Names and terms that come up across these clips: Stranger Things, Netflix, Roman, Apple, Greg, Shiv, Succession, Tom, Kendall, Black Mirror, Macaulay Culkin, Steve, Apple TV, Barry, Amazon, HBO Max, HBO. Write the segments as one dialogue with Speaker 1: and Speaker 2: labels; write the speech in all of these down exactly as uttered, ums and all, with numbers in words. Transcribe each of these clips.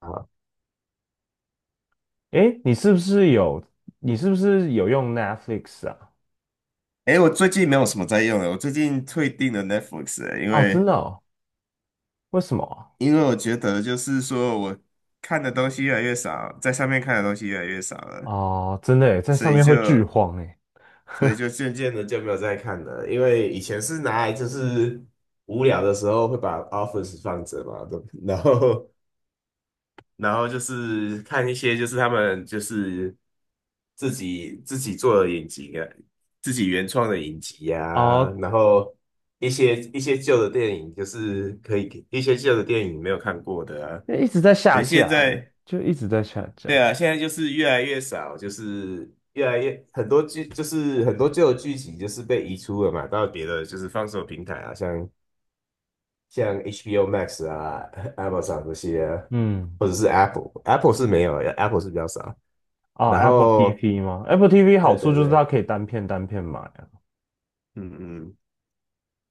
Speaker 1: 啊，
Speaker 2: 诶，你是不是有你是不是有用 Netflix 啊？
Speaker 1: 哎，我最近没有什么在用了。我最近退订了 Netflix，了因
Speaker 2: 哦，真
Speaker 1: 为
Speaker 2: 的哦？为什么啊？
Speaker 1: 因为我觉得就是说我看的东西越来越少，在上面看的东西越来越少了，
Speaker 2: 哦，真的诶，在
Speaker 1: 所
Speaker 2: 上
Speaker 1: 以
Speaker 2: 面会剧
Speaker 1: 就
Speaker 2: 荒诶。
Speaker 1: 所以就渐渐的就没有再看了。因为以前是拿来就是无聊的时候会把 Office 放着嘛。对，不然后然后就是看一些，就是他们就是自己自己做的影集啊，自己原创的影集啊。
Speaker 2: 哦，
Speaker 1: 然后一些一些旧的电影就是可以，一些旧的电影没有看过的啊。
Speaker 2: 一直在
Speaker 1: 可
Speaker 2: 下
Speaker 1: 是
Speaker 2: 架
Speaker 1: 现
Speaker 2: 诶，
Speaker 1: 在，
Speaker 2: 就一直在下架。
Speaker 1: 对啊，现在就是越来越少，就是越来越，很多剧就是很多旧的剧情就是被移出了嘛，到别的就是放手平台啊，像。像 H B O Max 啊、Amazon 这些，
Speaker 2: 嗯。
Speaker 1: 或者是 Apple，Apple 是没有，Apple 是比较少。
Speaker 2: 哦
Speaker 1: 然
Speaker 2: ，Apple
Speaker 1: 后，
Speaker 2: T V 吗？Apple T V 好
Speaker 1: 对
Speaker 2: 处
Speaker 1: 对
Speaker 2: 就是它
Speaker 1: 对，
Speaker 2: 可以单片单片买啊。
Speaker 1: 嗯嗯，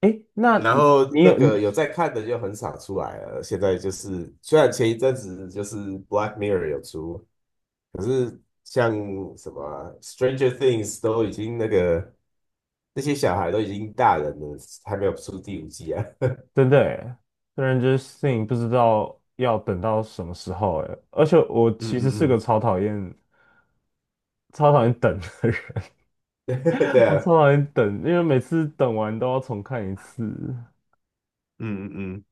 Speaker 2: 诶，那
Speaker 1: 然
Speaker 2: 你
Speaker 1: 后
Speaker 2: 你
Speaker 1: 那
Speaker 2: 有
Speaker 1: 个
Speaker 2: 你
Speaker 1: 有在看的就很少出来了。现在就是，虽然前一阵子就是《Black Mirror》有出，可是像什么啊 Stranger Things》都已经那个，那些小孩都已经大人了，还没有出第五季啊。
Speaker 2: 真的诶，虽然就是 Thing 不知道要等到什么时候诶，而且我
Speaker 1: 嗯
Speaker 2: 其实是个
Speaker 1: 嗯
Speaker 2: 超讨厌超讨厌等的人。
Speaker 1: 嗯，对
Speaker 2: 我
Speaker 1: 啊。
Speaker 2: 超讨厌等，因为每次等完都要重看一次。
Speaker 1: 嗯嗯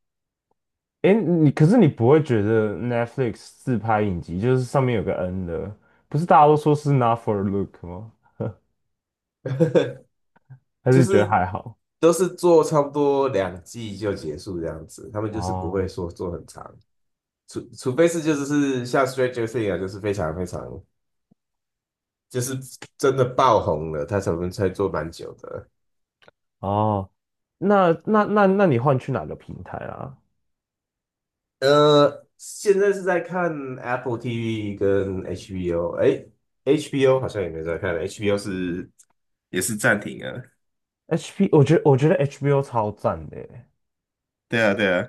Speaker 2: 哎，你可是你不会觉得 Netflix 自拍影集就是上面有个 N 的，不是大家都说是 Not for Look 吗？
Speaker 1: 嗯，
Speaker 2: 还是
Speaker 1: 就
Speaker 2: 你觉得
Speaker 1: 是
Speaker 2: 还好？
Speaker 1: 都是做差不多两季就结束这样子，他们就是不会
Speaker 2: 哦。
Speaker 1: 说做很长。除除非是就是是像 Stranger Things 啊，就是非常非常，就是真的爆红了，他才能才做蛮久的。
Speaker 2: 哦，那那那那你换去哪个平台啊？
Speaker 1: 呃，现在是在看 Apple TV 跟 HBO。哎，HBO 好像也没在看，HBO 是也是暂停啊。
Speaker 2: h p 我觉得我觉得 H B O 超赞的耶，
Speaker 1: 对啊，对啊。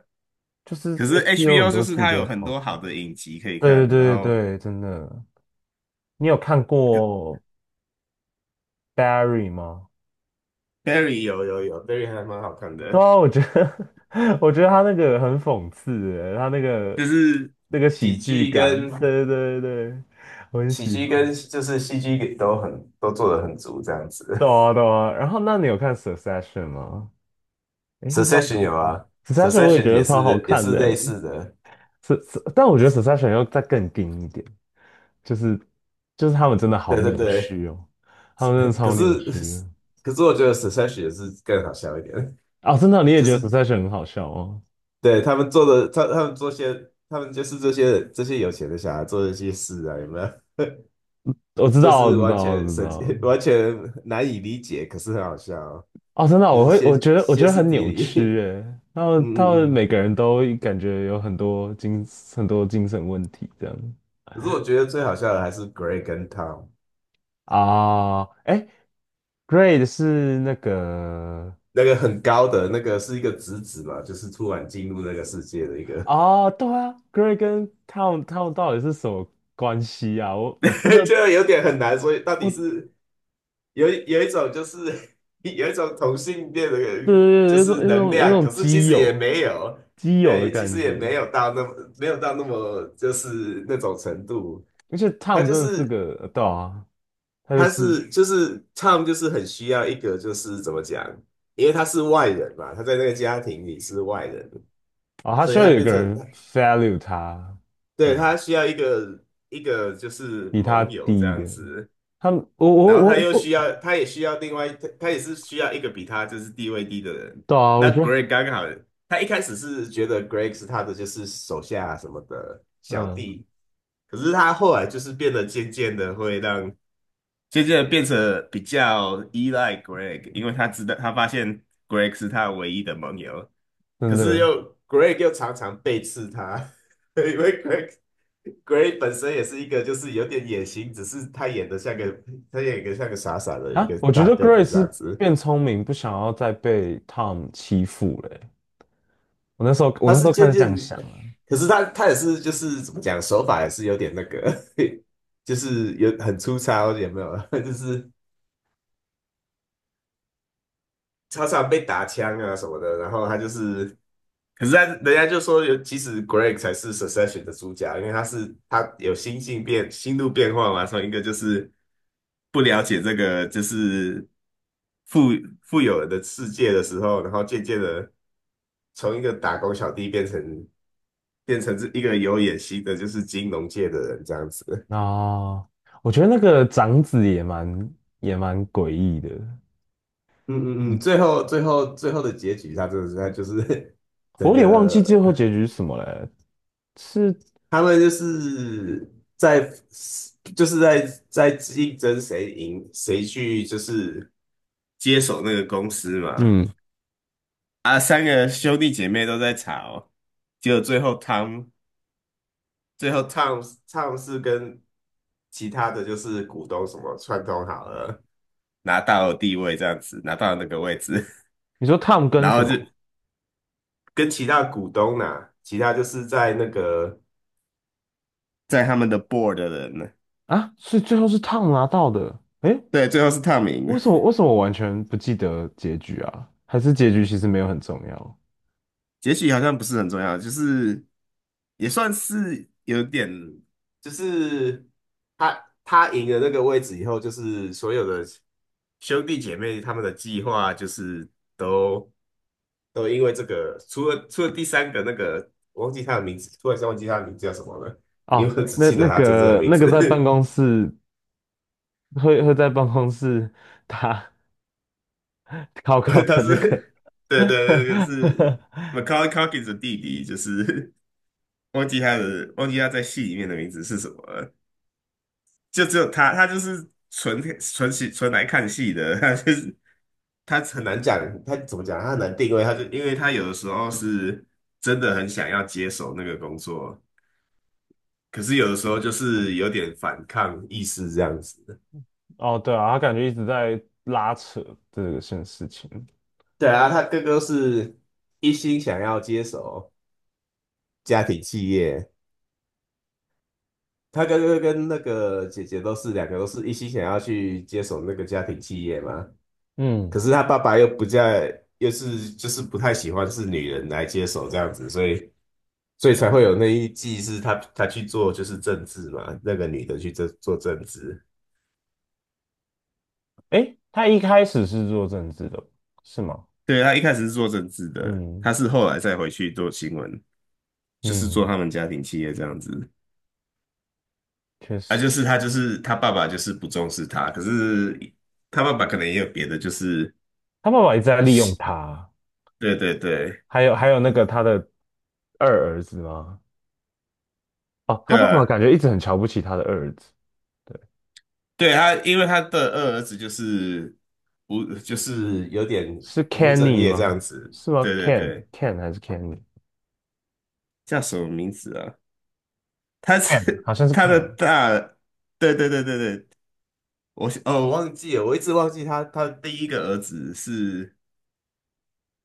Speaker 2: 就是
Speaker 1: 可是
Speaker 2: H B O 很
Speaker 1: H B O 就
Speaker 2: 多
Speaker 1: 是
Speaker 2: 剧
Speaker 1: 它有
Speaker 2: 都
Speaker 1: 很
Speaker 2: 超
Speaker 1: 多好
Speaker 2: 赞。
Speaker 1: 的影集可以
Speaker 2: 对
Speaker 1: 看。然
Speaker 2: 对对
Speaker 1: 后
Speaker 2: 对对，真的。你有看过 Barry 吗？
Speaker 1: Barry 有有有，Barry 还蛮好看
Speaker 2: 对
Speaker 1: 的。
Speaker 2: 啊，我觉得 我觉得他那个很讽刺欸，他那个
Speaker 1: 就是
Speaker 2: 那个喜
Speaker 1: 喜
Speaker 2: 剧
Speaker 1: 剧
Speaker 2: 感，
Speaker 1: 跟，
Speaker 2: 对对对对，我很
Speaker 1: 喜
Speaker 2: 喜
Speaker 1: 剧跟
Speaker 2: 欢。
Speaker 1: 就是戏剧都很，都做的很足这样子。
Speaker 2: 对啊 对啊，然后那你有看《Succession》吗？诶，是叫
Speaker 1: Succession
Speaker 2: 《Succession》，
Speaker 1: 有啊
Speaker 2: 《Succession》我也
Speaker 1: ，Succession
Speaker 2: 觉得
Speaker 1: 也
Speaker 2: 超好
Speaker 1: 是也
Speaker 2: 看
Speaker 1: 是类
Speaker 2: 的，
Speaker 1: 似的。
Speaker 2: 是是，但我觉得《Succession》要再更硬一点，就是就是他们真的好
Speaker 1: 对对
Speaker 2: 扭
Speaker 1: 对。
Speaker 2: 曲哦，他们真的
Speaker 1: 可
Speaker 2: 超扭曲的。
Speaker 1: 是，可是我觉得 Succession 也是更好笑一点。
Speaker 2: 哦，真的，你也
Speaker 1: 就
Speaker 2: 觉
Speaker 1: 是
Speaker 2: 得《Succession》很好笑哦？
Speaker 1: 对他们做的，他他们做些，他们就是这些这些有钱的小孩做的一些事啊，有没有？
Speaker 2: 我知
Speaker 1: 就
Speaker 2: 道，我
Speaker 1: 是
Speaker 2: 知
Speaker 1: 完
Speaker 2: 道，我
Speaker 1: 全
Speaker 2: 知
Speaker 1: 神
Speaker 2: 道。
Speaker 1: 经， 完全难以理解，可是很好笑哦，
Speaker 2: 哦，真的啊
Speaker 1: 就
Speaker 2: 我
Speaker 1: 是
Speaker 2: 会，我
Speaker 1: 歇
Speaker 2: 觉得，我觉
Speaker 1: 歇
Speaker 2: 得
Speaker 1: 斯
Speaker 2: 很
Speaker 1: 底
Speaker 2: 扭曲
Speaker 1: 里。
Speaker 2: 诶，然 后他们
Speaker 1: 嗯嗯嗯，
Speaker 2: 每个人都感觉有很多精很多精神问题这样。
Speaker 1: 可是我觉得最好笑的还是 Greg 跟 Tom。
Speaker 2: 啊，哎 g r a d 是那个。
Speaker 1: 那个很高的那个是一个侄子嘛，就是突然进入那个世界的一个。
Speaker 2: 啊，对啊 g r a d 跟 Tom Tom 到底是什么关系啊？我我真的
Speaker 1: 就有点很难，所以到底
Speaker 2: 我
Speaker 1: 是，有有一种就是， 有一种同性恋的就
Speaker 2: 对对对，有种
Speaker 1: 是
Speaker 2: 有
Speaker 1: 能
Speaker 2: 种有
Speaker 1: 量，可
Speaker 2: 种
Speaker 1: 是其
Speaker 2: 基
Speaker 1: 实也
Speaker 2: 友
Speaker 1: 没有，
Speaker 2: 基友的
Speaker 1: 对，其
Speaker 2: 感
Speaker 1: 实也
Speaker 2: 觉，
Speaker 1: 没有到那么，没有到那么就是那种程度。
Speaker 2: 而且
Speaker 1: 他
Speaker 2: Tom
Speaker 1: 就
Speaker 2: 真的是
Speaker 1: 是，
Speaker 2: 个呃对啊，他就
Speaker 1: 他
Speaker 2: 是
Speaker 1: 是就是 Tom 就是很需要一个就是，怎么讲，因为他是外人嘛，他在那个家庭里是外人。
Speaker 2: 啊、哦他
Speaker 1: 所
Speaker 2: 需
Speaker 1: 以
Speaker 2: 要
Speaker 1: 他
Speaker 2: 有一
Speaker 1: 变
Speaker 2: 个
Speaker 1: 成，
Speaker 2: 人 value 他，这
Speaker 1: 对，
Speaker 2: 样
Speaker 1: 他需要一个一个就是
Speaker 2: 比他
Speaker 1: 盟友这
Speaker 2: 低一
Speaker 1: 样
Speaker 2: 点。
Speaker 1: 子。
Speaker 2: 他们，我我
Speaker 1: 然后
Speaker 2: 我
Speaker 1: 他又需
Speaker 2: 我，
Speaker 1: 要，他也需要另外，他他也是需要一个比他就是地位低的人。
Speaker 2: 对啊，我
Speaker 1: 那
Speaker 2: 觉得，
Speaker 1: Greg 刚好，他一开始是觉得 Greg 是他的就是手下什么的小
Speaker 2: 嗯，
Speaker 1: 弟。可是他后来就是变得渐渐的会让，渐渐的变成比较依赖 Greg，因为他知道，他发现 Greg 是他唯一的盟友。
Speaker 2: 真
Speaker 1: 可是
Speaker 2: 的
Speaker 1: 又， Greg 又常常背刺他。因为 Greg， g r e y 本身也是一个就是有点野心，只是他演的像个，他演一个像个傻傻的一
Speaker 2: 啊，
Speaker 1: 个
Speaker 2: 我觉
Speaker 1: 大
Speaker 2: 得
Speaker 1: 个
Speaker 2: Grace
Speaker 1: 子这
Speaker 2: 是
Speaker 1: 样子。
Speaker 2: 变聪明，不想要再被 Tom 欺负了欸。我那时候，我
Speaker 1: 他
Speaker 2: 那时
Speaker 1: 是
Speaker 2: 候开
Speaker 1: 渐
Speaker 2: 始这
Speaker 1: 渐，
Speaker 2: 样想啊。
Speaker 1: 可是他，他也是就是怎么讲，手法也是有点那个，就是有很粗糙，有没有？就是常常被打枪啊什么的。然后他就是，可是他，人家就说有，其实 Greg 才是 Succession 的主角，因为他是他有心性变心路变化嘛。从一个就是，不了解这个就是富，富有的世界的时候，然后渐渐的从一个打工小弟变成，变成是一个有野心的，就是金融界的人这样子。
Speaker 2: 啊，我觉得那个长子也蛮也蛮诡异的。
Speaker 1: 嗯嗯嗯，
Speaker 2: 嗯
Speaker 1: 最后最后最后的结局，他真的是他就是
Speaker 2: 我
Speaker 1: 整
Speaker 2: 有点忘记最
Speaker 1: 个，
Speaker 2: 后结局是什么嘞。是，
Speaker 1: 他们就是在，就是在在竞争，谁赢，谁去就是接手那个公司嘛。
Speaker 2: 嗯，
Speaker 1: 啊，三个兄弟姐妹都在吵。结果最后汤最后唱，唱是跟其他的就是股东什么串通好了，拿到地位这样子，拿到那个位置。
Speaker 2: 你说 Tom 跟
Speaker 1: 然
Speaker 2: 什
Speaker 1: 后就
Speaker 2: 么？
Speaker 1: 跟其他股东呐、其他就是在那个，在他们的 board 的人呢。
Speaker 2: 啊？是最后是 Tom 拿到的？诶，
Speaker 1: 对，最后是 Tom 赢
Speaker 2: 为
Speaker 1: 了。
Speaker 2: 什么为什么我完全不记得结局啊？还是结局其实没有很重要？
Speaker 1: 结局好像不是很重要，就是也算是有点，就是他，他赢了那个位置以后，就是所有的兄弟姐妹，他们的计划就是都，都因为这个，除了除了第三个那个，我忘记他的名字，突然间忘记他的名字叫什么了。因
Speaker 2: 哦，
Speaker 1: 为我只
Speaker 2: 那
Speaker 1: 记得
Speaker 2: 那
Speaker 1: 他真正的
Speaker 2: 个
Speaker 1: 名
Speaker 2: 那个在办
Speaker 1: 字。
Speaker 2: 公室会会在办公室打 考 考
Speaker 1: 他
Speaker 2: 的那个
Speaker 1: 是，对对，那个是 Macaulay Culkin 的弟弟，就是 忘记他的，忘记他在戏里面的名字是什么了。就只有他，他就是纯，纯戏，纯来看戏的。他就是，他很难讲，他怎么讲，他很难定位。他就因为他有的时候是真的很想要接手那个工作，可是有的时候就是有点反抗意识这样子。
Speaker 2: 哦，对啊，他感觉一直在拉扯这个件事情。
Speaker 1: 对啊，他哥哥是一心想要接手家庭企业。他哥哥跟那个姐姐都是两个都是一心想要去接手那个家庭企业嘛。
Speaker 2: 嗯。
Speaker 1: 可是他爸爸又不在，又是就是不太喜欢是女人来接手这样子。所以，所以才会有那一季是他，他去做就是政治嘛，那个女的去做，做政治。
Speaker 2: 诶，他一开始是做政治的，是吗？
Speaker 1: 对，他一开始是做政治的，他
Speaker 2: 嗯。
Speaker 1: 是后来再回去做新闻，就是做
Speaker 2: 嗯，
Speaker 1: 他们家庭企业这样子。
Speaker 2: 确
Speaker 1: 啊，
Speaker 2: 实。
Speaker 1: 就是他，就是他爸爸就是不重视他，可是他爸爸可能也有别的，就是
Speaker 2: 他爸爸一直在利用他，
Speaker 1: 对对对，
Speaker 2: 还有还有那个他的二儿子吗？哦，他
Speaker 1: 对
Speaker 2: 爸爸
Speaker 1: 啊，
Speaker 2: 感觉一直很瞧不起他的二儿子。
Speaker 1: 对他，因为他的二儿子就是无，就是有点
Speaker 2: 是
Speaker 1: 不务正
Speaker 2: Kenny
Speaker 1: 业这样
Speaker 2: 吗？
Speaker 1: 子。
Speaker 2: 是吗
Speaker 1: 对对
Speaker 2: ？Ken
Speaker 1: 对，
Speaker 2: Ken 还是 Kenny？
Speaker 1: 叫什么名字啊？他
Speaker 2: Can，
Speaker 1: 是
Speaker 2: 好像 是
Speaker 1: 他的
Speaker 2: Can。
Speaker 1: 大，对对对对对，我，哦，我忘记了，我一直忘记他他的第一个儿子是，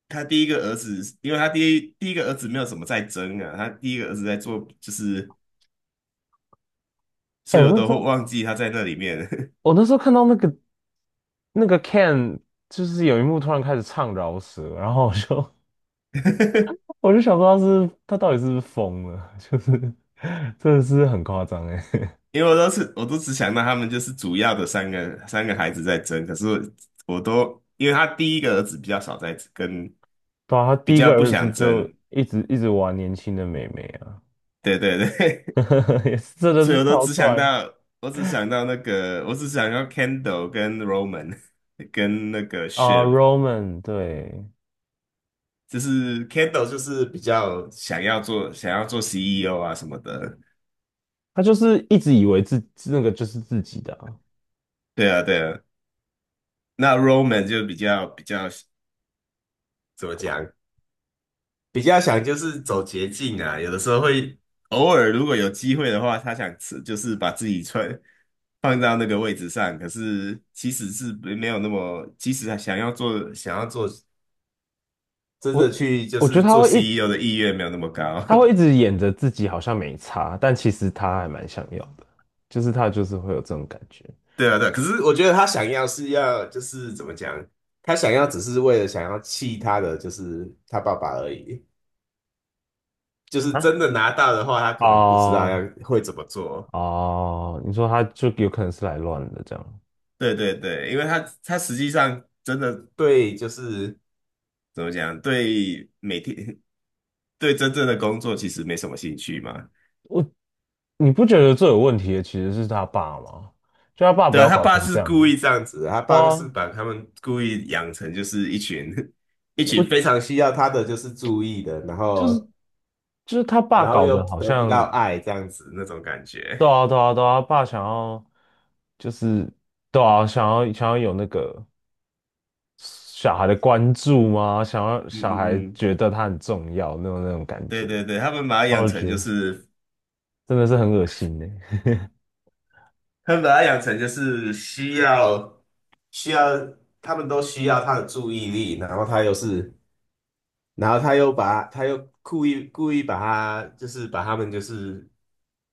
Speaker 1: 他第一个儿子，因为他第一第一个儿子没有什么在争啊，他第一个儿子在做就是，
Speaker 2: 哎、
Speaker 1: 所以
Speaker 2: 我
Speaker 1: 我
Speaker 2: 那
Speaker 1: 都
Speaker 2: 时
Speaker 1: 会
Speaker 2: 候
Speaker 1: 忘记他在那里面。
Speaker 2: 我那时候看到那个那个 Can，就是有一幕突然开始唱饶舌，然后我就 我就想说他是他到底是不是疯了，就是真的是很夸张哎。
Speaker 1: 因为我都是，我都只想到他们就是主要的三个三个孩子在争，可是我都因为他第一个儿子比较少在跟，
Speaker 2: 对啊，他
Speaker 1: 比
Speaker 2: 第一
Speaker 1: 较
Speaker 2: 个
Speaker 1: 不
Speaker 2: 儿子
Speaker 1: 想争。
Speaker 2: 就一直一直玩年轻的妹妹啊，
Speaker 1: 对对对，
Speaker 2: 也是真 的
Speaker 1: 所以
Speaker 2: 是
Speaker 1: 我都
Speaker 2: 超
Speaker 1: 只想
Speaker 2: 怪。
Speaker 1: 到，我只想到那个，我只想到 Kendall 跟 Roman， 跟那个
Speaker 2: 啊
Speaker 1: Shiv。
Speaker 2: ，Roman，对，
Speaker 1: 就是 Kendall 就是比较想要做想要做 C E O 啊什么的。
Speaker 2: 他就是一直以为自那个就是自己的啊。
Speaker 1: 对啊对啊，那 Roman 就比较比较。怎么讲？比较想就是走捷径啊。有的时候会偶尔，如果有机会的话，他想吃就是把自己穿放到那个位置上，可是其实是没没有那么，其实他想要做，想要做真的
Speaker 2: 我
Speaker 1: 去就
Speaker 2: 我觉得
Speaker 1: 是
Speaker 2: 他
Speaker 1: 做
Speaker 2: 会一
Speaker 1: C E O 的意愿没有那么高。
Speaker 2: 他会一直演着自己好像没差，但其实他还蛮想要的，就是他就是会有这种感觉。
Speaker 1: 对啊对啊，可是我觉得他想要是要就是怎么讲，他想要只是为了想要气他的就是他爸爸而已，就是
Speaker 2: 啊，
Speaker 1: 真的拿到的话，他可能不知道要，
Speaker 2: 哦
Speaker 1: 会怎么做。
Speaker 2: 哦，你说他就有可能是来乱的这样。
Speaker 1: 对对对，因为他，他实际上真的对，就是怎么讲，对每天，对真正的工作其实没什么兴趣嘛。
Speaker 2: 我你不觉得最有问题的其实是他爸吗？就他爸不
Speaker 1: 对啊，
Speaker 2: 要
Speaker 1: 他
Speaker 2: 搞
Speaker 1: 爸
Speaker 2: 成
Speaker 1: 是
Speaker 2: 这
Speaker 1: 故
Speaker 2: 样，
Speaker 1: 意这样子的，他
Speaker 2: 对
Speaker 1: 爸是
Speaker 2: 啊，
Speaker 1: 把他们故意养成就是一群， 一群非
Speaker 2: 我
Speaker 1: 常需要他的就是注意的，然
Speaker 2: 就是
Speaker 1: 后，
Speaker 2: 就是他爸
Speaker 1: 然后
Speaker 2: 搞
Speaker 1: 又
Speaker 2: 得好
Speaker 1: 得不到
Speaker 2: 像，
Speaker 1: 爱这样子那种感觉。
Speaker 2: 对啊对啊对啊，他爸想要就是对啊，想要想要有那个小孩的关注吗？想要
Speaker 1: 嗯
Speaker 2: 小孩
Speaker 1: 嗯嗯，
Speaker 2: 觉得他很重要那种那种感
Speaker 1: 对
Speaker 2: 觉。
Speaker 1: 对对，他们把他
Speaker 2: 那
Speaker 1: 养
Speaker 2: 我
Speaker 1: 成
Speaker 2: 觉
Speaker 1: 就
Speaker 2: 得
Speaker 1: 是，
Speaker 2: 真的是很恶心呢。
Speaker 1: 他们把他养成就是需要，需要，他们都需要他的注意力。然后他又是，然后他又把他，又故意故意把他，就是把他们就是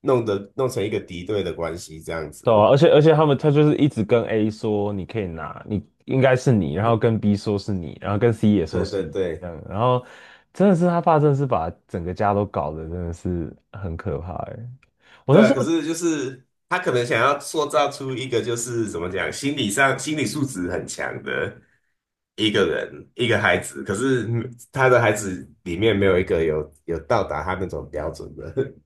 Speaker 1: 弄得，弄成一个敌对的关系这样
Speaker 2: 对啊，
Speaker 1: 子。
Speaker 2: 而且而且他们他就是一直跟 A 说你可以拿，你应该是你，然后跟 B 说是你，然后跟 C 也说
Speaker 1: 对
Speaker 2: 是
Speaker 1: 对
Speaker 2: 你这
Speaker 1: 对，
Speaker 2: 样，然后真的是他爸真的是把整个家都搞得真的是很可怕哎。我
Speaker 1: 对
Speaker 2: 那
Speaker 1: 啊，
Speaker 2: 时
Speaker 1: 可
Speaker 2: 候
Speaker 1: 是就是他可能想要塑造出一个就是怎么讲，心理上心理素质很强的一个人，一个孩子。可是嗯他的孩子里面没有一个有有到达他那种标准的。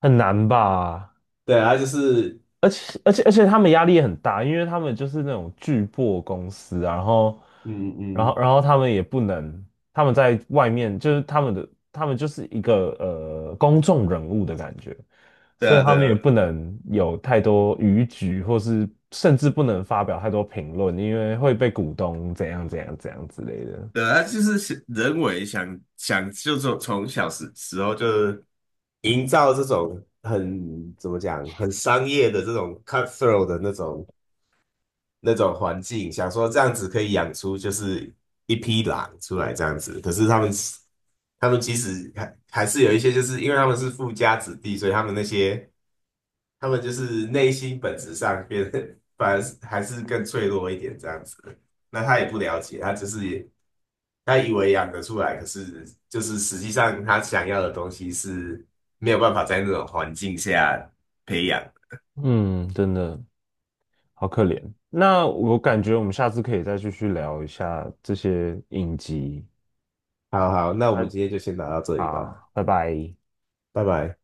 Speaker 2: 很难吧？
Speaker 1: 对啊，就是
Speaker 2: 而且而且而且他们压力也很大，因为他们就是那种巨破公司啊，然后
Speaker 1: 嗯
Speaker 2: 然后
Speaker 1: 嗯，
Speaker 2: 然后他们也不能，他们在外面就是他们的他们就是一个呃公众人物的感觉，
Speaker 1: 对
Speaker 2: 所以
Speaker 1: 啊，
Speaker 2: 他
Speaker 1: 对
Speaker 2: 们也
Speaker 1: 啊，
Speaker 2: 不能有太多逾矩，或是甚至不能发表太多评论，因为会被股东怎样怎样怎样之类的。
Speaker 1: 对啊，他就是想人为想想，就从，从小时时候就营造这种很怎么讲，很商业的这种 cutthroat 的那种那种环境，想说这样子可以养出就是一匹狼出来这样子。可是他们，他们其实还，还是有一些，就是因为他们是富家子弟，所以他们那些。他们就是内心本质上变得反而是还是更脆弱一点这样子。那他也不了解，他只是也，他以为养得出来，可是就是实际上他想要的东西是没有办法在那种环境下培养。
Speaker 2: 嗯，真的好可怜。那我感觉我们下次可以再继续聊一下这些影集。
Speaker 1: 好好，那我们
Speaker 2: 那。
Speaker 1: 今天就先聊到这里吧，
Speaker 2: 好，拜拜。
Speaker 1: 拜拜。